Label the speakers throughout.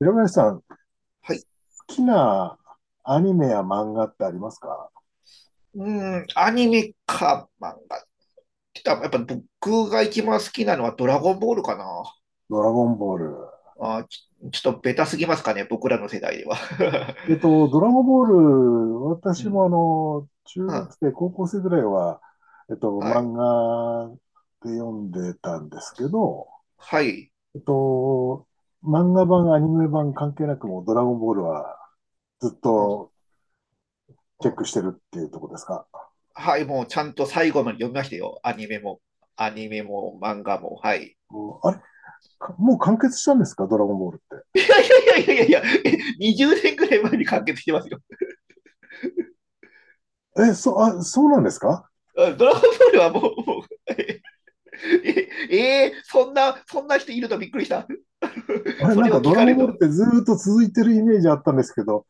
Speaker 1: 平林さん、好
Speaker 2: はい。
Speaker 1: きなアニメや漫画ってありますか？
Speaker 2: うーん、アニメか漫画って言ったら、やっぱ僕が一番好きなのはドラゴンボールかな。
Speaker 1: ドラゴンボール。
Speaker 2: ちょっとベタすぎますかね、僕らの世代では。
Speaker 1: ドラゴンボール、
Speaker 2: う
Speaker 1: 私
Speaker 2: ん、
Speaker 1: も中
Speaker 2: う
Speaker 1: 学
Speaker 2: ん、
Speaker 1: 生、高校生ぐらいは、
Speaker 2: はい、
Speaker 1: 漫画で読んでたんですけど、
Speaker 2: はい、
Speaker 1: えっと、漫画版、アニメ版関係なくもうドラゴンボールはずっ
Speaker 2: うん、
Speaker 1: と
Speaker 2: う
Speaker 1: チェッ
Speaker 2: ん、
Speaker 1: クしてるっていうところですか？
Speaker 2: はい、もうちゃんと最後まで読みましたよ。アニメも、漫画も、はい。
Speaker 1: もう、あれかもう完結したんですかドラゴンボール
Speaker 2: い
Speaker 1: っ
Speaker 2: やいやいやいやいや、20年ぐらい前に完結してますよ。
Speaker 1: て。え、そ、あ、そうなんですか？
Speaker 2: うん、ドラゴンボールはもう、もうえ、ええーそんな人いるとびっくりした。
Speaker 1: あ れ、
Speaker 2: そ
Speaker 1: なん
Speaker 2: れ
Speaker 1: か
Speaker 2: を
Speaker 1: ド
Speaker 2: 聞
Speaker 1: ラ
Speaker 2: か
Speaker 1: ゴ
Speaker 2: れ
Speaker 1: ン
Speaker 2: る
Speaker 1: ボールっ
Speaker 2: と。
Speaker 1: てずーっと続いてるイメージあったんですけど、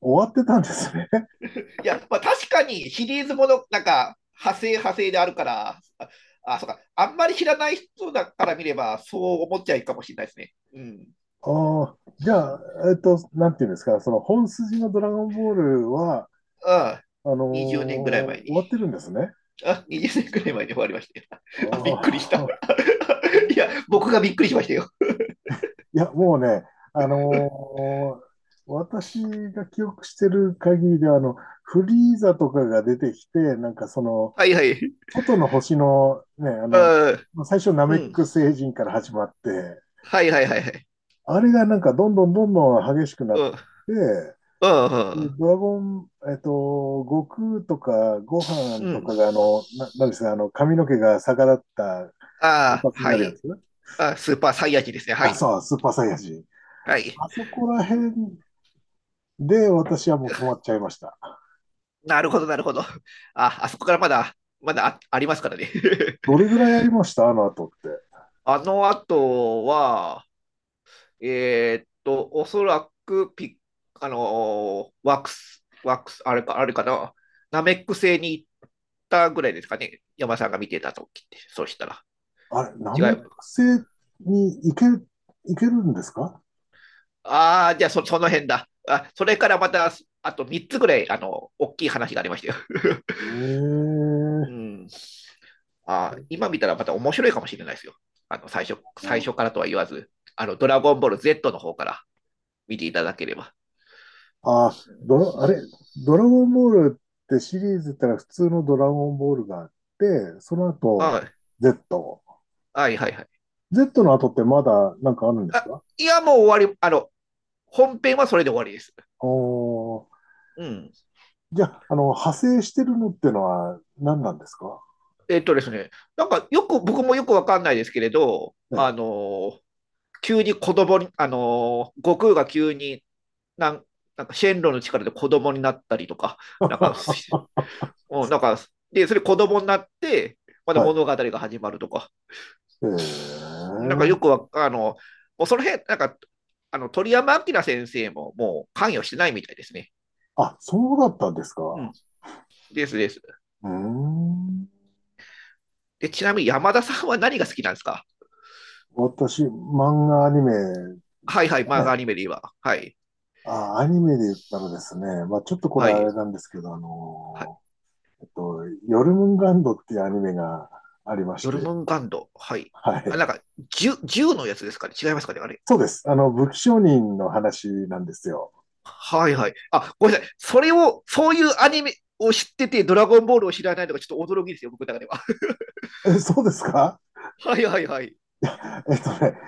Speaker 1: 終わってたんですね。
Speaker 2: いや、まあ、確かにシリーズもの、なんか、派生派生であるから、あそうか、あんまり知らない人だから見れば、そう思っちゃいいかもしれないですね。うん。
Speaker 1: ああ、じゃあ、なんていうんですか、その本筋のドラゴンボールは、
Speaker 2: ああ、
Speaker 1: あの
Speaker 2: 20
Speaker 1: ー
Speaker 2: 年ぐらい
Speaker 1: 終
Speaker 2: 前に。
Speaker 1: わってるんですね。
Speaker 2: あ、20年ぐらい前に終わりましたよ。あ、びっくりし
Speaker 1: あ
Speaker 2: た。
Speaker 1: あ、
Speaker 2: いや、僕がびっくりしましたよ。
Speaker 1: いや、もうね、あのー私が記憶してる限りでは、フリーザとかが出てきて、なんかその、
Speaker 2: はいはい。
Speaker 1: 外の星のね、
Speaker 2: あ、
Speaker 1: 最初ナ
Speaker 2: う
Speaker 1: メッ
Speaker 2: ん。
Speaker 1: ク星人から始まって、
Speaker 2: はいはいはいはい。
Speaker 1: あれがなんかどんどんどんどん激しくなっ
Speaker 2: うん。
Speaker 1: て、
Speaker 2: うん。う
Speaker 1: で、
Speaker 2: ん。
Speaker 1: ドラゴン、えっと、悟空とかご飯
Speaker 2: う
Speaker 1: と
Speaker 2: ん、
Speaker 1: かが、なんですか、髪の毛が逆立った金
Speaker 2: ああ、
Speaker 1: 髪に
Speaker 2: は
Speaker 1: なるや
Speaker 2: い。
Speaker 1: つ？
Speaker 2: あ、スーパーサイヤ人ですね。は
Speaker 1: あ、
Speaker 2: い。
Speaker 1: そう、スーパーサイヤ人。
Speaker 2: はい。
Speaker 1: あそこら辺で私はもう止まっちゃいました。
Speaker 2: なるほど、なるほど。あ、あそこからまだ、ありますからね。
Speaker 1: ど れぐらいやりましたあの後って？
Speaker 2: あの後は、おそらくピッ、あのーワックス、あれかな、ナメック星に行ったぐらいですかね。山さんが見てた時って、そうしたら。
Speaker 1: あれ、ナ
Speaker 2: 違
Speaker 1: メッ
Speaker 2: う。
Speaker 1: ク星に行けるんですか？
Speaker 2: ああ、じゃあその辺だ。あ、それからまた、あと3つぐらい、大きい話がありましたよ。
Speaker 1: え
Speaker 2: う
Speaker 1: え。
Speaker 2: ん。あ、今見たらまた面白いかもしれないですよ。最初最初からとは言わず、ドラゴンボール Z の方から見ていただければ。
Speaker 1: あ、ドラ、あれ、ドラゴンボールってシリーズったら普通のドラゴンボールがあって、その
Speaker 2: は
Speaker 1: 後、
Speaker 2: い
Speaker 1: Z。
Speaker 2: はいはいはい。
Speaker 1: Z の後ってまだなんかあるんです
Speaker 2: あ、
Speaker 1: か？
Speaker 2: いや、もう終わり、本編はそれで終わりです。
Speaker 1: おー、
Speaker 2: うん。
Speaker 1: じゃあ、派生してるのってのは何なんですか？
Speaker 2: ですね、なんかよく、僕もよくわかんないですけれど、
Speaker 1: え
Speaker 2: あ
Speaker 1: え。
Speaker 2: の急に子供に、あの悟空が急になん、なんかシェンロンの力で子供になったりとか、なんか、
Speaker 1: は
Speaker 2: うん、なんか、で、それ子供になって、まだ
Speaker 1: い。
Speaker 2: 物語が始まるとか、
Speaker 1: え
Speaker 2: なんかよく
Speaker 1: え。
Speaker 2: わあの、もうその辺、なんか、鳥山明先生ももう関与してないみたいですね。
Speaker 1: あ、そうだったんです
Speaker 2: う
Speaker 1: か。
Speaker 2: ん、ですです。
Speaker 1: うーん。
Speaker 2: で、ちなみに山田さんは何が好きなんですか？
Speaker 1: 私、漫画アニメだ
Speaker 2: はいはい、漫画ア
Speaker 1: ね。
Speaker 2: ニメで言えば。はい、
Speaker 1: あ、アニメで言ったらですね、まあちょっとこれ
Speaker 2: は
Speaker 1: あ
Speaker 2: い、
Speaker 1: れなんですけど、
Speaker 2: はい。
Speaker 1: えっと、ヨルムンガンドっていうアニメがありまし
Speaker 2: ヨル
Speaker 1: て、
Speaker 2: ムンガンド。はい。
Speaker 1: は
Speaker 2: あ、なん
Speaker 1: い。
Speaker 2: か、銃のやつですかね？違いますかね？あれ。
Speaker 1: そうです。武器商人の話なんですよ。
Speaker 2: はいはい。あ、ごめんなさい。それを、そういうアニメを知ってて、ドラゴンボールを知らないのがちょっと驚きですよ、僕の中では。
Speaker 1: え、そうですか？
Speaker 2: はいはいはい。
Speaker 1: えっとね、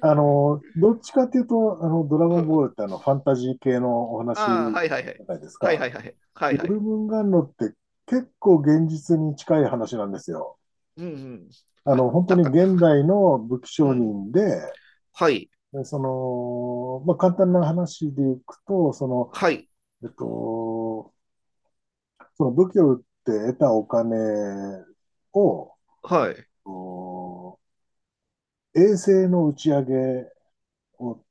Speaker 1: どっちかっていうと、ドラ
Speaker 2: う
Speaker 1: ゴン
Speaker 2: ん、
Speaker 1: ボールってファンタジー系のお話じ
Speaker 2: ああ、はいはいはい。
Speaker 1: ゃないです
Speaker 2: はい
Speaker 1: か。
Speaker 2: はいはい。は
Speaker 1: ヨ
Speaker 2: いは
Speaker 1: ル
Speaker 2: い。
Speaker 1: ムンガンドって結構現実に近い話なんですよ。
Speaker 2: うん、うん。あ、
Speaker 1: 本当
Speaker 2: だ
Speaker 1: に
Speaker 2: か
Speaker 1: 現
Speaker 2: ら、
Speaker 1: 代の武器
Speaker 2: う
Speaker 1: 商
Speaker 2: ん。
Speaker 1: 人で、
Speaker 2: はい。
Speaker 1: でその、まあ、簡単な話でいくと、その、
Speaker 2: はい。
Speaker 1: えっと、その武器を売って得たお金を、
Speaker 2: はい。
Speaker 1: お衛星の打ち上げを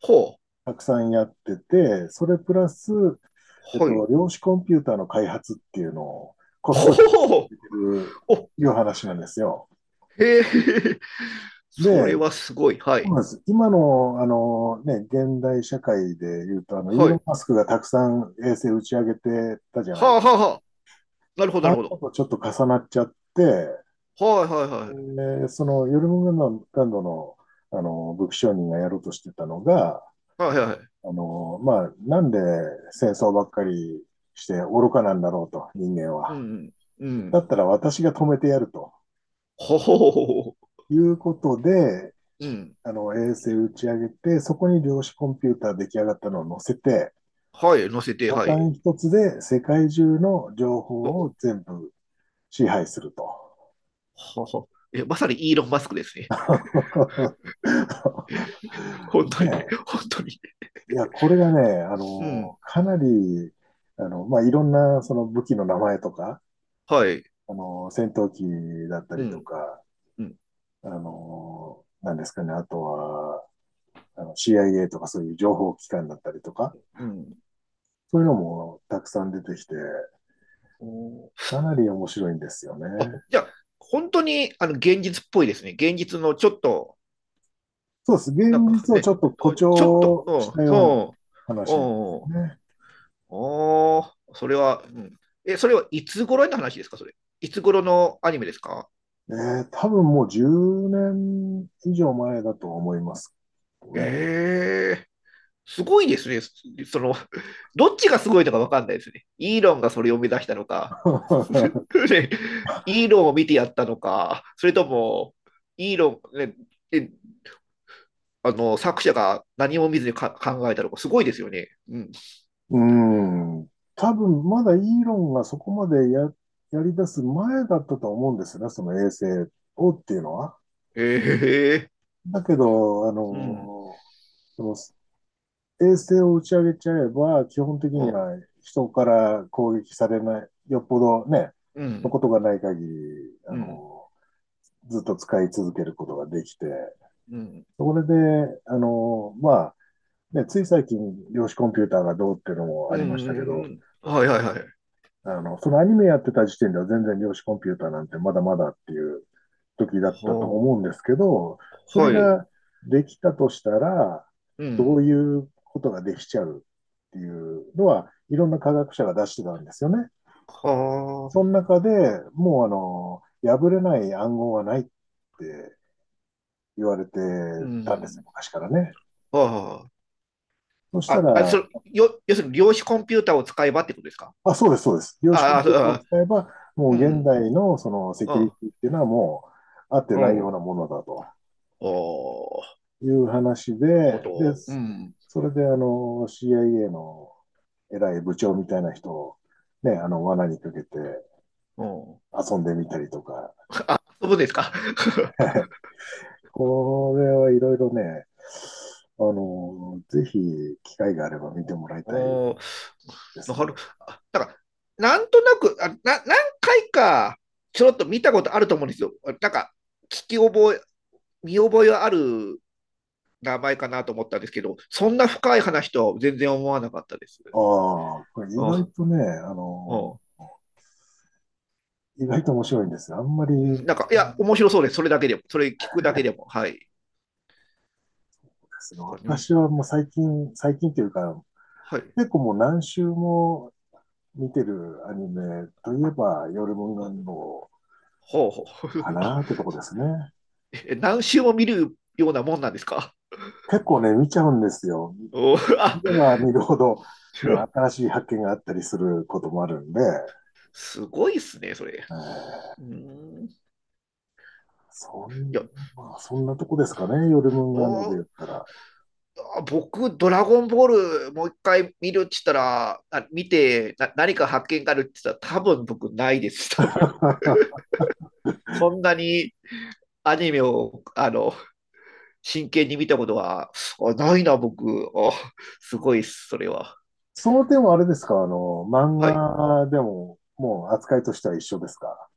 Speaker 2: ほう。
Speaker 1: たくさんやってて、それプラス、
Speaker 2: はい。
Speaker 1: 量子コンピューターの開発っていうのをこっそり続
Speaker 2: ほ
Speaker 1: けてる
Speaker 2: う。お、
Speaker 1: いう話なんですよ。
Speaker 2: へえ。そ
Speaker 1: で、
Speaker 2: れはすごい。は
Speaker 1: そう
Speaker 2: い。
Speaker 1: なんです今の、あのね、現代社会で言うと、イー
Speaker 2: は
Speaker 1: ロ
Speaker 2: い。
Speaker 1: ン・マスクがたくさん衛星打ち上げてたじゃ
Speaker 2: は
Speaker 1: ないで
Speaker 2: あ
Speaker 1: す
Speaker 2: はあ
Speaker 1: か。
Speaker 2: はあ。なるほど、な
Speaker 1: ああ
Speaker 2: るほ
Speaker 1: いうの
Speaker 2: ど。
Speaker 1: とちょっと重なっちゃって、
Speaker 2: はいはいはい。
Speaker 1: そのヨルムガンランドの、あの武器商人がやろうとしてたのが、
Speaker 2: はいはいはい。
Speaker 1: なんで戦争ばっかりして愚かなんだろうと、人間
Speaker 2: うん、
Speaker 1: は。
Speaker 2: うん。う
Speaker 1: だっ
Speaker 2: ん。
Speaker 1: たら私が止めてやると
Speaker 2: ほほほほほ、
Speaker 1: いうことで、
Speaker 2: うん。
Speaker 1: あの衛星打ち上げて、そこに量子コンピューター出来上がったのを載せて、
Speaker 2: はい。乗せて、
Speaker 1: ボ
Speaker 2: は
Speaker 1: タ
Speaker 2: い。
Speaker 1: ン一つで世界中の情
Speaker 2: お、
Speaker 1: 報を全部支配すると。
Speaker 2: はは。え、まさにイーロン・マスクですね。本
Speaker 1: ね
Speaker 2: 当に、
Speaker 1: え、
Speaker 2: 本当に。
Speaker 1: いや、これがね、
Speaker 2: うん。
Speaker 1: かなり、まあ、いろんな、その武器の名前とか、
Speaker 2: はい。
Speaker 1: 戦闘機だった
Speaker 2: う
Speaker 1: りと
Speaker 2: ん。
Speaker 1: か、
Speaker 2: うん。
Speaker 1: なんですかね、あとは、CIA とかそういう情報機関だったりとか、
Speaker 2: うん。
Speaker 1: そういうのもたくさん出てきて、
Speaker 2: お、
Speaker 1: かなり面白いんですよね。
Speaker 2: あ、じゃあ、本当に現実っぽいですね。現実のちょっと、
Speaker 1: そうです。現
Speaker 2: なんか
Speaker 1: 実をち
Speaker 2: ね、
Speaker 1: ょっと誇
Speaker 2: ちょっと、
Speaker 1: 張
Speaker 2: う
Speaker 1: した
Speaker 2: ん、
Speaker 1: ような
Speaker 2: うん、う
Speaker 1: 話です
Speaker 2: ん、
Speaker 1: ね。
Speaker 2: おー、それは、うん。え、それはいつ頃の話ですか、それ？いつ頃のアニメですか？
Speaker 1: え多分もう10年以上前だと思いますね。
Speaker 2: ええすごいですね。その、どっちがすごいのかわかんないですね。イーロンがそれを目指したのか、ね、イーロンを見てやったのか、それとも、イーロン、ね、えあの、作者が何も見ずにか考えたとか、すごいですよね。うん。
Speaker 1: うん。多分、まだイーロンがそこまでやり出す前だったと思うんですよね、その衛星をっていうのは。
Speaker 2: ええ
Speaker 1: だけど、
Speaker 2: ーうん。
Speaker 1: その衛星を打ち上げちゃえば、基本的に
Speaker 2: あ、
Speaker 1: は人から攻撃されない、よっぽどね、
Speaker 2: う
Speaker 1: の
Speaker 2: ん、
Speaker 1: ことがない限り、
Speaker 2: うん、
Speaker 1: ずっと使い続けることができて、
Speaker 2: うん、
Speaker 1: それで、まあ、ね、つい最近、量子コンピューターがどうっていうのもあ
Speaker 2: うん、
Speaker 1: りましたけ
Speaker 2: うん、
Speaker 1: ど、
Speaker 2: うん。はいはいはい。
Speaker 1: そのアニメやってた時点では全然量子コンピューターなんてまだまだっていう時だったと
Speaker 2: は
Speaker 1: 思うんですけど、そ
Speaker 2: あ、
Speaker 1: れ
Speaker 2: はい。
Speaker 1: ができたとしたら、
Speaker 2: う
Speaker 1: どう
Speaker 2: ん。
Speaker 1: いうことができちゃうっていうのは、いろんな科学者が出してたんですよね。
Speaker 2: は
Speaker 1: その
Speaker 2: あ、
Speaker 1: 中でもう破れない暗号はないって言われて
Speaker 2: う
Speaker 1: たんですよ、
Speaker 2: ん。
Speaker 1: 昔からね。
Speaker 2: は
Speaker 1: そし
Speaker 2: あ。
Speaker 1: た
Speaker 2: あ、あ、
Speaker 1: ら、
Speaker 2: 要するに量子コンピューターを使えばってことですか？
Speaker 1: あ、そうです、そうです。量子コ
Speaker 2: あ
Speaker 1: ン
Speaker 2: あ、
Speaker 1: ピューターを使えば、もう
Speaker 2: う
Speaker 1: 現
Speaker 2: ん、
Speaker 1: 代のそのセ
Speaker 2: うん、
Speaker 1: キ
Speaker 2: うん。
Speaker 1: ュリ
Speaker 2: あ
Speaker 1: ティっていうのはもう、あってないようなものだと。
Speaker 2: あ、
Speaker 1: いう話で、
Speaker 2: なるほ
Speaker 1: で、
Speaker 2: ど。うん、
Speaker 1: それでCIA の偉い部長みたいな人をね、罠にかけて
Speaker 2: うん。
Speaker 1: 遊んでみたりとか、
Speaker 2: そうですか。
Speaker 1: これはいろいろね、ぜひ機会があれば見てもらいたい
Speaker 2: お
Speaker 1: ですね。
Speaker 2: る。だから、なんとなく、何回かちょろっと見たことあると思うんですよ。なんか、聞き覚え、見覚えはある名前かなと思ったんですけど、そんな深い話とは全然思わなかったです。
Speaker 1: ああ、これ意
Speaker 2: うん、
Speaker 1: 外とね、
Speaker 2: うん、
Speaker 1: 意外と面白いんですよ。あんまり、で
Speaker 2: なんか、いや、面白そうです。それだけでも、それ聞くだけでも。はい。
Speaker 1: すね、
Speaker 2: これね、
Speaker 1: 私はもう最近、最近というか、
Speaker 2: はい。
Speaker 1: 結構もう何週も見てるアニメといえば、夜文願の
Speaker 2: ほうほう
Speaker 1: か なってとこですね。
Speaker 2: 何周も見るようなもんなんですか？
Speaker 1: 結構ね、見ちゃうんですよ。
Speaker 2: お、
Speaker 1: 見
Speaker 2: あ
Speaker 1: れば見るほど、ね、新 しい発見があったりすることもあるんで、
Speaker 2: すごいっすね、それ。う
Speaker 1: ー
Speaker 2: ん、い
Speaker 1: そ
Speaker 2: や、
Speaker 1: んまあ、そんなとこですかね、ヨルムンガンドで言
Speaker 2: お、
Speaker 1: ったら。
Speaker 2: あ、僕、ドラゴンボールもう一回見るって言ったら、あ、見てな、何か発見があるって言ったら、多分僕ないです、多分。そんなにアニメを真剣に見たことは、あ、ないな、僕。あ、すごいっす、それは。
Speaker 1: その点はあれですか、漫
Speaker 2: はい。
Speaker 1: 画でも、もう扱いとしては一緒ですか。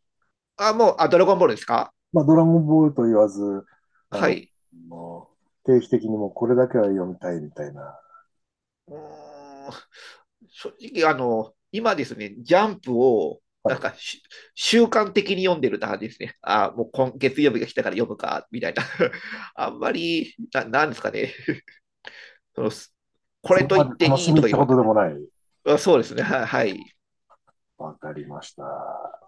Speaker 2: あ、もう、あ、ドラゴンボールですか？
Speaker 1: まあ、ドラゴンボールと言わず、あ
Speaker 2: は
Speaker 1: の、
Speaker 2: い。
Speaker 1: もう定期的にもうこれだけは読みたいみたいな。
Speaker 2: うーん、正直、今ですね、ジャンプを、
Speaker 1: は
Speaker 2: なん
Speaker 1: い。
Speaker 2: かし、習慣的に読んでるなですね。あ、もう今月曜日が来たから読むか、みたいな。あんまり、なんですかね。その、こ
Speaker 1: そ
Speaker 2: れと
Speaker 1: こま
Speaker 2: 言っ
Speaker 1: で
Speaker 2: て
Speaker 1: 楽
Speaker 2: い
Speaker 1: し
Speaker 2: い
Speaker 1: み
Speaker 2: と
Speaker 1: っ
Speaker 2: か言
Speaker 1: てこ
Speaker 2: うの
Speaker 1: とでもない。
Speaker 2: は、あ、そうですね。はい。
Speaker 1: わかりました。